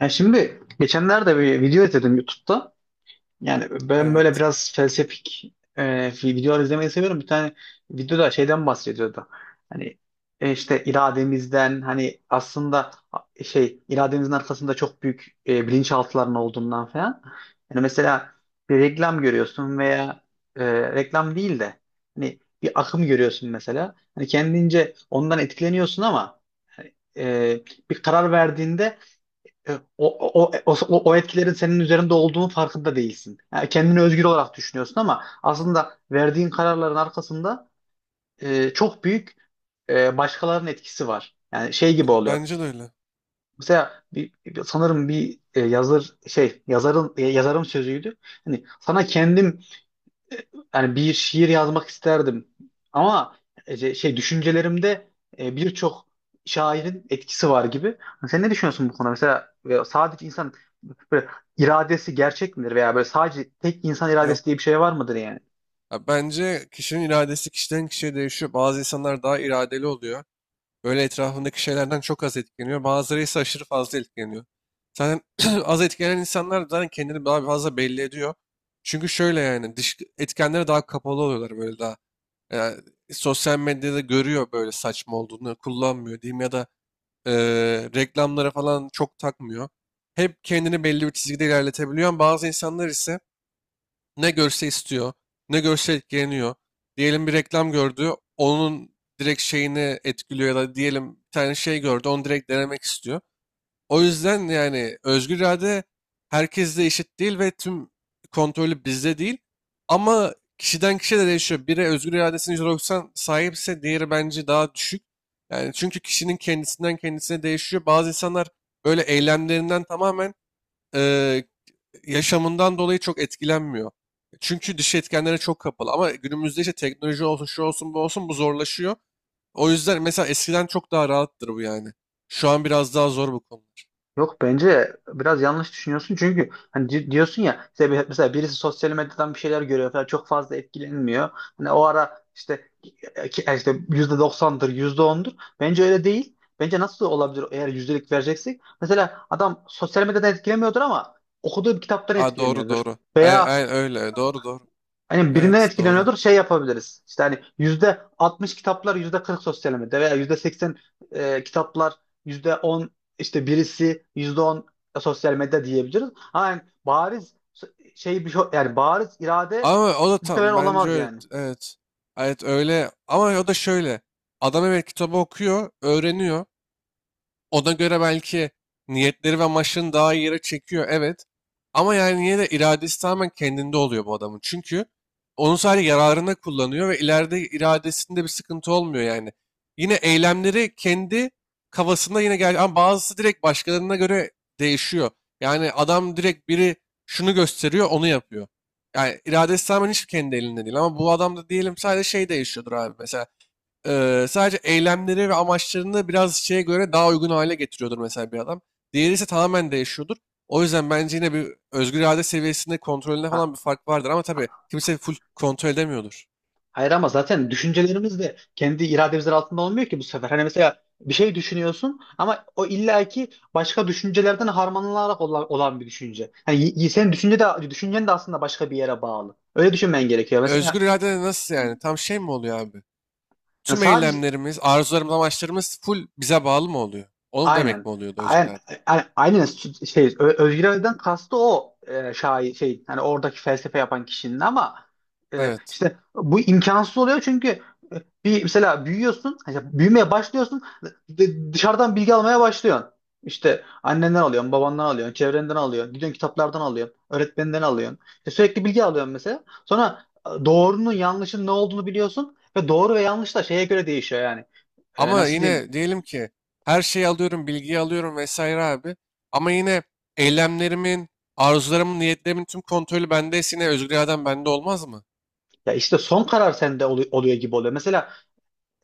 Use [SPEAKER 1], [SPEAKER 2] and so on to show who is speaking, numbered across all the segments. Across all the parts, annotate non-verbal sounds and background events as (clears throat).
[SPEAKER 1] Ya şimdi geçenlerde bir video izledim YouTube'da. Yani ben böyle
[SPEAKER 2] Evet.
[SPEAKER 1] biraz felsefik videolar izlemeyi seviyorum. Bir tane videoda şeyden bahsediyordu. Hani işte irademizden hani aslında şey irademizin arkasında çok büyük bilinçaltıların olduğundan falan. Yani mesela bir reklam görüyorsun veya reklam değil de hani bir akım görüyorsun mesela. Hani kendince ondan etkileniyorsun ama hani, e, bir karar verdiğinde e, O, o, o, e, o o etkilerin senin üzerinde olduğunun farkında değilsin. Yani kendini özgür olarak düşünüyorsun ama aslında verdiğin kararların arkasında çok büyük başkalarının etkisi var. Yani şey gibi oluyor.
[SPEAKER 2] Bence de öyle.
[SPEAKER 1] Mesela sanırım bir e, yazır şey yazarın e, yazarın sözüydü. Hani sana kendim e, yani bir şiir yazmak isterdim ama şey düşüncelerimde birçok şairin etkisi var gibi. Hani sen ne düşünüyorsun bu konuda? Mesela sadece insan böyle iradesi gerçek midir veya böyle sadece tek insan
[SPEAKER 2] Yok.
[SPEAKER 1] iradesi diye bir şey var mıdır yani?
[SPEAKER 2] Ya bence kişinin iradesi kişiden kişiye değişiyor. Bazı insanlar daha iradeli oluyor. Böyle etrafındaki şeylerden çok az etkileniyor. Bazıları ise aşırı fazla etkileniyor. Zaten (clears throat) az etkilenen insanlar zaten kendini daha fazla belli ediyor. Çünkü şöyle yani dış etkenlere daha kapalı oluyorlar böyle daha. Yani sosyal medyada görüyor böyle saçma olduğunu kullanmıyor diyeyim ya da e, reklamlara falan çok takmıyor. Hep kendini belli bir çizgide ilerletebiliyor. Bazı insanlar ise ne görse istiyor, ne görse etkileniyor. Diyelim bir reklam gördü, onun direkt şeyini etkiliyor ya da diyelim bir tane şey gördü, onu direkt denemek istiyor. O yüzden yani özgür irade herkeste eşit değil ve tüm kontrolü bizde değil. Ama kişiden kişiye de değişiyor. Biri özgür iradesinin %90 sahipse diğeri bence daha düşük. Yani çünkü kişinin kendisinden kendisine değişiyor. Bazı insanlar böyle eylemlerinden tamamen eee, yaşamından dolayı çok etkilenmiyor. Çünkü dış etkenlere çok kapalı. Ama günümüzde işte teknoloji olsun, şu olsun, bu olsun bu zorlaşıyor. O yüzden mesela eskiden çok daha rahattır bu yani. Şu an biraz daha zor bu konular.
[SPEAKER 1] Yok, bence biraz yanlış düşünüyorsun, çünkü hani diyorsun ya. Mesela, mesela birisi sosyal medyadan bir şeyler görüyor falan, çok fazla etkilenmiyor. Hani o ara işte işte %90'dır, %10'dur. Bence öyle değil. Bence nasıl olabilir eğer yüzdelik vereceksek? Mesela adam sosyal medyadan etkilemiyordur ama okuduğu bir kitaptan
[SPEAKER 2] Aa, doğru
[SPEAKER 1] etkileniyordur.
[SPEAKER 2] doğru. Ay,
[SPEAKER 1] Veya
[SPEAKER 2] ay, öyle doğru doğru.
[SPEAKER 1] hani birinden
[SPEAKER 2] Evet doğru.
[SPEAKER 1] etkileniyordur, şey yapabiliriz. İşte hani yüzde 60 kitaplar, yüzde 40 sosyal medyada, veya yüzde 80 kitaplar, yüzde 10 işte, birisi yüzde 10 sosyal medya diyebiliriz. Ama yani bariz şey, bir şey yani bariz irade
[SPEAKER 2] Ama o da
[SPEAKER 1] muhtemelen
[SPEAKER 2] tam bence
[SPEAKER 1] olamaz
[SPEAKER 2] öyle.
[SPEAKER 1] yani.
[SPEAKER 2] Evet. Evet öyle. Ama o da şöyle. Adam evet kitabı okuyor, öğreniyor. Ona göre belki niyetleri ve amaçlarını daha iyi yere çekiyor. Evet. Ama yani yine de iradesi tamamen kendinde oluyor bu adamın. Çünkü onu sadece yararına kullanıyor ve ileride iradesinde bir sıkıntı olmuyor yani. Yine eylemleri kendi kafasında yine gel ama bazısı direkt başkalarına göre değişiyor. Yani adam direkt biri şunu gösteriyor, onu yapıyor. Yani iradesi tamamen hiç kendi elinde değil ama bu adamda diyelim sadece şey değişiyordur abi mesela. Sadece eylemleri ve amaçlarını biraz şeye göre daha uygun hale getiriyordur mesela bir adam. Diğeri ise tamamen değişiyordur. O yüzden bence yine bir özgür irade seviyesinde kontrolünde
[SPEAKER 1] Ha,
[SPEAKER 2] falan bir fark vardır ama tabii kimse full kontrol edemiyordur.
[SPEAKER 1] hayır, ama zaten düşüncelerimiz de kendi irademizin altında olmuyor ki bu sefer. Hani mesela bir şey düşünüyorsun, ama o illaki başka düşüncelerden harmanlanarak olan bir düşünce. Hani senin düşüncen de aslında başka bir yere bağlı. Öyle düşünmen gerekiyor. Mesela
[SPEAKER 2] Özgür irade de nasıl yani? Tam şey mi oluyor abi?
[SPEAKER 1] yani
[SPEAKER 2] Tüm
[SPEAKER 1] sadece...
[SPEAKER 2] eylemlerimiz, arzularımız, amaçlarımız full bize bağlı mı oluyor? Onu demek mi
[SPEAKER 1] Aynen.
[SPEAKER 2] oluyordu özgür
[SPEAKER 1] Aynen,
[SPEAKER 2] irade?
[SPEAKER 1] aynen, şey, Özgür Ali'den kastı o, şair şey, hani oradaki felsefe yapan kişinin. Ama
[SPEAKER 2] Evet.
[SPEAKER 1] işte bu imkansız oluyor, çünkü bir mesela büyüyorsun, hani işte büyümeye başlıyorsun, dışarıdan bilgi almaya başlıyorsun. İşte annenden alıyorsun, babandan alıyorsun, çevrenden alıyorsun, gidiyorsun kitaplardan alıyorsun, öğretmeninden alıyorsun. İşte sürekli bilgi alıyorsun mesela. Sonra doğrunun yanlışın ne olduğunu biliyorsun, ve doğru ve yanlış da şeye göre değişiyor yani.
[SPEAKER 2] Ama
[SPEAKER 1] Nasıl diyeyim?
[SPEAKER 2] yine diyelim ki her şeyi alıyorum, bilgiyi alıyorum vesaire abi. Ama yine eylemlerimin, arzularımın, niyetlerimin tüm kontrolü bendeyse yine özgür iradem bende olmaz mı?
[SPEAKER 1] Ya işte son karar sende oluyor gibi oluyor. Mesela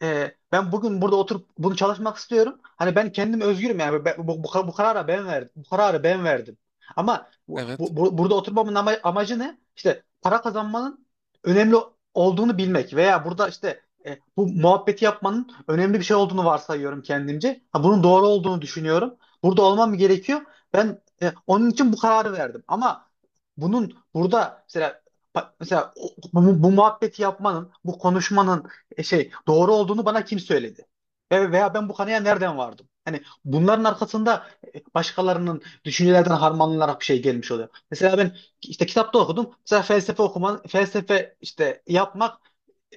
[SPEAKER 1] ben bugün burada oturup bunu çalışmak istiyorum. Hani ben kendim özgürüm yani. Bu karara ben verdim. Bu kararı ben verdim. Ama
[SPEAKER 2] Evet,
[SPEAKER 1] burada oturmamın amacı ne? İşte para kazanmanın önemli olduğunu bilmek, veya burada işte bu muhabbeti yapmanın önemli bir şey olduğunu varsayıyorum kendimce. Ha, bunun doğru olduğunu düşünüyorum. Burada olmam gerekiyor. Ben onun için bu kararı verdim. Ama bunun burada mesela bu muhabbeti yapmanın, bu konuşmanın şey doğru olduğunu bana kim söyledi? Veya ben bu kanıya nereden vardım? Hani bunların arkasında başkalarının düşüncelerden harmanlanarak bir şey gelmiş oluyor. Mesela ben işte kitapta okudum. Mesela felsefe okuman, felsefe işte yapmak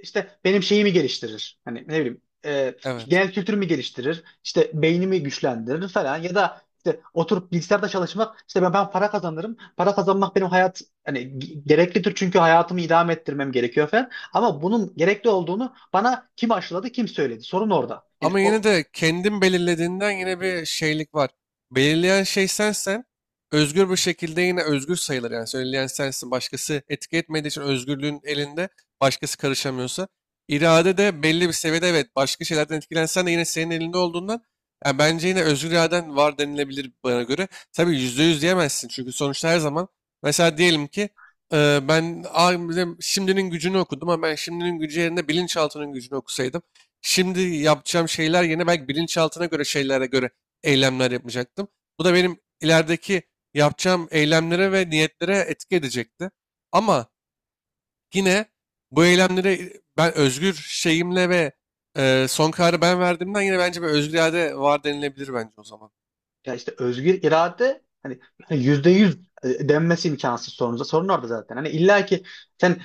[SPEAKER 1] işte benim şeyimi geliştirir. Hani ne bileyim,
[SPEAKER 2] evet.
[SPEAKER 1] genel kültürümü geliştirir. İşte beynimi güçlendirir falan. Ya da işte oturup bilgisayarda çalışmak, işte ben para kazanırım. Para kazanmak benim hayat hani gereklidir, çünkü hayatımı idame ettirmem gerekiyor falan. Ama bunun gerekli olduğunu bana kim aşıladı, kim söyledi? Sorun orada. Yani
[SPEAKER 2] Ama
[SPEAKER 1] o...
[SPEAKER 2] yine de kendin belirlediğinden yine bir şeylik var. Belirleyen şey sensen özgür bir şekilde yine özgür sayılır. Yani söyleyen sensin. Başkası etki etmediği için özgürlüğün elinde başkası karışamıyorsa. İrade de belli bir seviyede evet başka şeylerden etkilensen de yine senin elinde olduğundan yani bence yine özgür iraden var denilebilir bana göre. Tabii yüzde yüz diyemezsin çünkü sonuçta her zaman mesela diyelim ki ben "Aa, bizim şimdinin gücünü okudum ama ben şimdinin gücü yerine bilinçaltının gücünü okusaydım şimdi yapacağım şeyler yerine belki bilinçaltına göre şeylere göre eylemler yapacaktım. Bu da benim ilerideki yapacağım eylemlere ve niyetlere etki edecekti. Ama yine bu eylemleri ben özgür şeyimle ve son kararı ben verdiğimden yine bence bir özgür irade var denilebilir bence o zaman.
[SPEAKER 1] Ya işte özgür irade, hani (laughs) hani %100 denmesi imkansız sorunuza. Sorun orada zaten. Hani illa ki sen,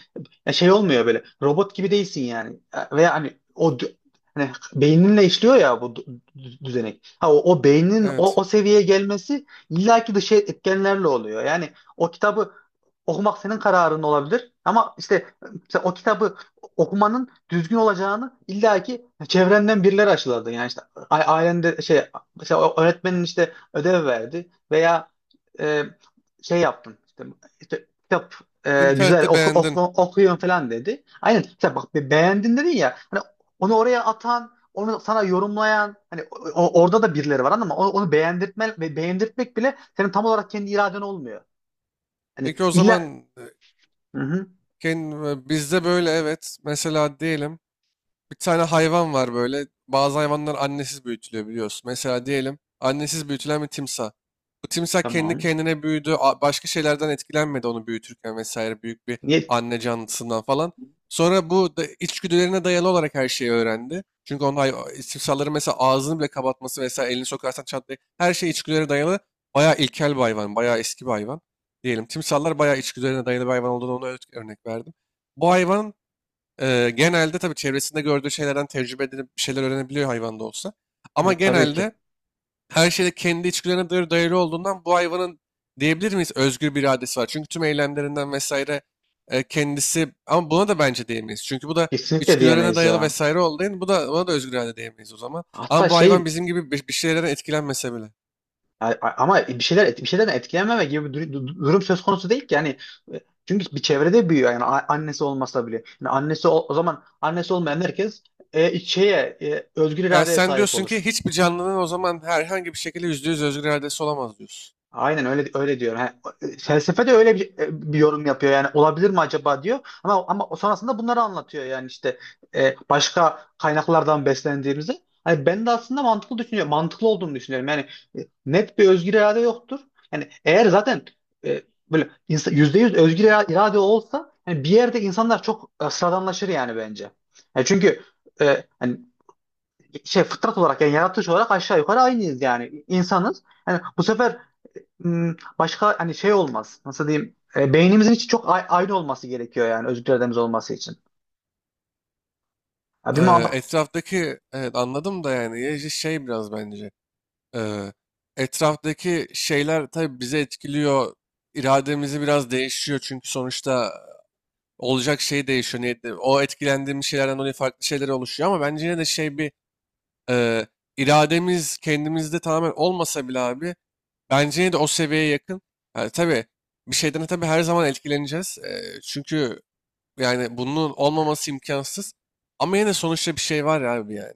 [SPEAKER 1] ya şey olmuyor, böyle robot gibi değilsin yani. Veya hani beyninle işliyor ya bu düzenek. Ha, o beynin,
[SPEAKER 2] Evet.
[SPEAKER 1] o seviyeye gelmesi illa ki dış etkenlerle oluyor. Yani o kitabı okumak senin kararın olabilir. Ama işte mesela o kitabı okumanın düzgün olacağını illaki çevrenden birileri aşıladı. Yani işte ailende şey, mesela o öğretmenin işte ödev verdi veya e, şey yaptın. İşte kitap, güzel
[SPEAKER 2] İnternette beğendin.
[SPEAKER 1] okuyun falan dedi. Aynen. Mesela bak, beğendin dedin ya. Hani onu oraya atan, onu sana yorumlayan, hani orada da birileri var, ama onu beğendirtmek bile senin tam olarak kendi iraden olmuyor. Hani
[SPEAKER 2] Peki o zaman
[SPEAKER 1] illa... Hı hı.
[SPEAKER 2] kend- bizde böyle evet. Mesela diyelim. Bir tane hayvan var böyle. Bazı hayvanlar annesiz büyütülüyor biliyorsun. Mesela diyelim annesiz büyütülen bir timsah. Bu timsah kendi
[SPEAKER 1] Tamam.
[SPEAKER 2] kendine büyüdü. A- Başka şeylerden etkilenmedi onu büyütürken vesaire büyük bir
[SPEAKER 1] Niye?
[SPEAKER 2] anne canlısından falan. Sonra bu da içgüdülerine dayalı olarak her şeyi öğrendi. Çünkü onun hay timsahların mesela ağzını bile kapatması vesaire elini sokarsan çatlayı her şey içgüdülere dayalı. Bayağı ilkel bir hayvan, bayağı eski bir hayvan. Diyelim timsahlar bayağı içgüdülerine dayalı bir hayvan olduğunu ona örnek verdim. Bu hayvan genelde tabii çevresinde gördüğü şeylerden tecrübe edinip bir şeyler öğrenebiliyor hayvan da olsa. Ama
[SPEAKER 1] Evet, tabii ki.
[SPEAKER 2] genelde her şeyde kendi içgüdülerine dayalı olduğundan bu hayvanın diyebilir miyiz özgür bir iradesi var. Çünkü tüm eylemlerinden vesaire kendisi ama buna da bence diyemeyiz. Çünkü bu da
[SPEAKER 1] Kesinlikle
[SPEAKER 2] içgüdülerine
[SPEAKER 1] diyemeyiz
[SPEAKER 2] dayalı
[SPEAKER 1] ya.
[SPEAKER 2] vesaire olduğu için bu da buna da özgür irade diyemeyiz o zaman.
[SPEAKER 1] Hatta
[SPEAKER 2] Ama bu
[SPEAKER 1] şey,
[SPEAKER 2] hayvan bizim gibi bir şeylerden etkilenmese bile.
[SPEAKER 1] ama bir şeyden etkilenmeme gibi bir durum söz konusu değil ki yani. E, Çünkü bir çevrede büyüyor, yani annesi olmasa bile. Yani annesi o zaman annesi olmayan herkes özgür
[SPEAKER 2] Ha,
[SPEAKER 1] iradeye
[SPEAKER 2] sen
[SPEAKER 1] sahip
[SPEAKER 2] diyorsun
[SPEAKER 1] olur.
[SPEAKER 2] ki hiçbir canlının o zaman herhangi bir şekilde yüzde yüz özgür iradesi olamaz diyorsun.
[SPEAKER 1] Aynen öyle öyle diyor. Ha, felsefe de öyle bir yorum yapıyor, yani olabilir mi acaba diyor. Ama sonrasında bunları anlatıyor, yani işte başka kaynaklardan beslendiğimizi. Hani ben de aslında mantıklı düşünüyorum. Mantıklı olduğunu düşünüyorum. Yani net bir özgür irade yoktur. Yani eğer zaten e, böyle insan, %100 özgür irade olsa, yani bir yerde insanlar çok sıradanlaşır yani bence. Yani çünkü hani şey, fıtrat olarak yani yaratılış olarak aşağı yukarı aynıyız yani, insanız. Yani bu sefer başka hani şey olmaz. Nasıl diyeyim? Beynimizin içi çok aynı olması gerekiyor, yani özgür irademiz olması için. Ya bir ma-
[SPEAKER 2] Etraftaki evet anladım da yani ya işte şey biraz bence eee, etraftaki şeyler tabii bizi etkiliyor irademizi biraz değişiyor çünkü sonuçta olacak şey değişiyor niyetli o etkilendiğimiz şeylerden dolayı farklı şeyler oluşuyor ama bence yine de şey bir eee, irademiz kendimizde tamamen olmasa bile abi bence yine de o seviyeye yakın yani tabii bir şeyden tabii her zaman etkileneceğiz. Çünkü yani bunun olmaması imkansız ama yine de sonuçta bir şey var ya abi yani.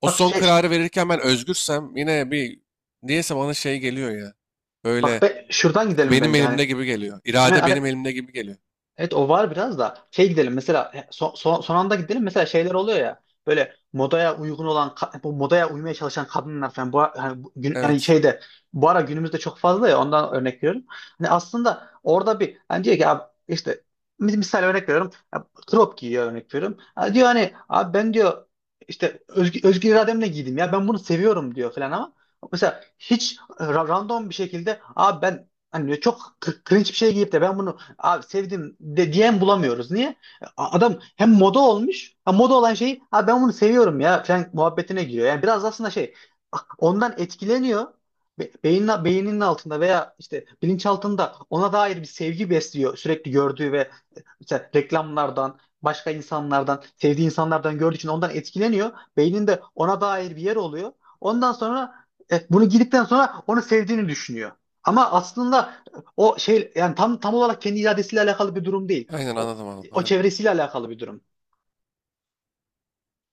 [SPEAKER 2] O
[SPEAKER 1] bak
[SPEAKER 2] son
[SPEAKER 1] şey
[SPEAKER 2] kararı verirken ben özgürsem yine bir niyeyse bana şey geliyor ya.
[SPEAKER 1] bak
[SPEAKER 2] Böyle
[SPEAKER 1] be, şuradan gidelim
[SPEAKER 2] benim
[SPEAKER 1] bence, hani
[SPEAKER 2] elimde gibi geliyor.
[SPEAKER 1] hemen.
[SPEAKER 2] İrade benim elimde gibi geliyor.
[SPEAKER 1] Evet, o var biraz da şey, gidelim mesela son, anda gidelim, mesela şeyler oluyor ya, böyle modaya uygun olan ka- bu modaya uymaya çalışan kadınlar falan, bu yani, yani
[SPEAKER 2] Evet.
[SPEAKER 1] şeyde bu ara günümüzde çok fazla, ya ondan örnek veriyorum. Hani aslında orada bir, hani diyor ki abi, işte misal örnek veriyorum ya, crop giyiyor örnek veriyorum. Ha, diyor hani abi, ben diyor işte özgür irademle giydim ya, ben bunu seviyorum diyor falan. Ama mesela hiç random bir şekilde abi ben, hani diyor, çok cringe bir şey giyip de ben bunu abi sevdim de diyen bulamıyoruz. Niye? Adam hem moda olmuş, ha moda olan şeyi abi ben bunu seviyorum ya falan muhabbetine giriyor. Yani biraz aslında şey, ondan etkileniyor. Beyninin altında veya işte bilinçaltında ona dair bir sevgi besliyor, sürekli gördüğü ve işte reklamlardan, başka insanlardan, sevdiği insanlardan gördüğü için ondan etkileniyor. Beyninde ona dair bir yer oluyor. Ondan sonra bunu girdikten sonra onu sevdiğini düşünüyor. Ama aslında o şey yani tam olarak kendi iradesiyle alakalı bir durum değil.
[SPEAKER 2] Aynen
[SPEAKER 1] O,
[SPEAKER 2] anladım
[SPEAKER 1] o
[SPEAKER 2] abi.
[SPEAKER 1] çevresiyle alakalı bir durum.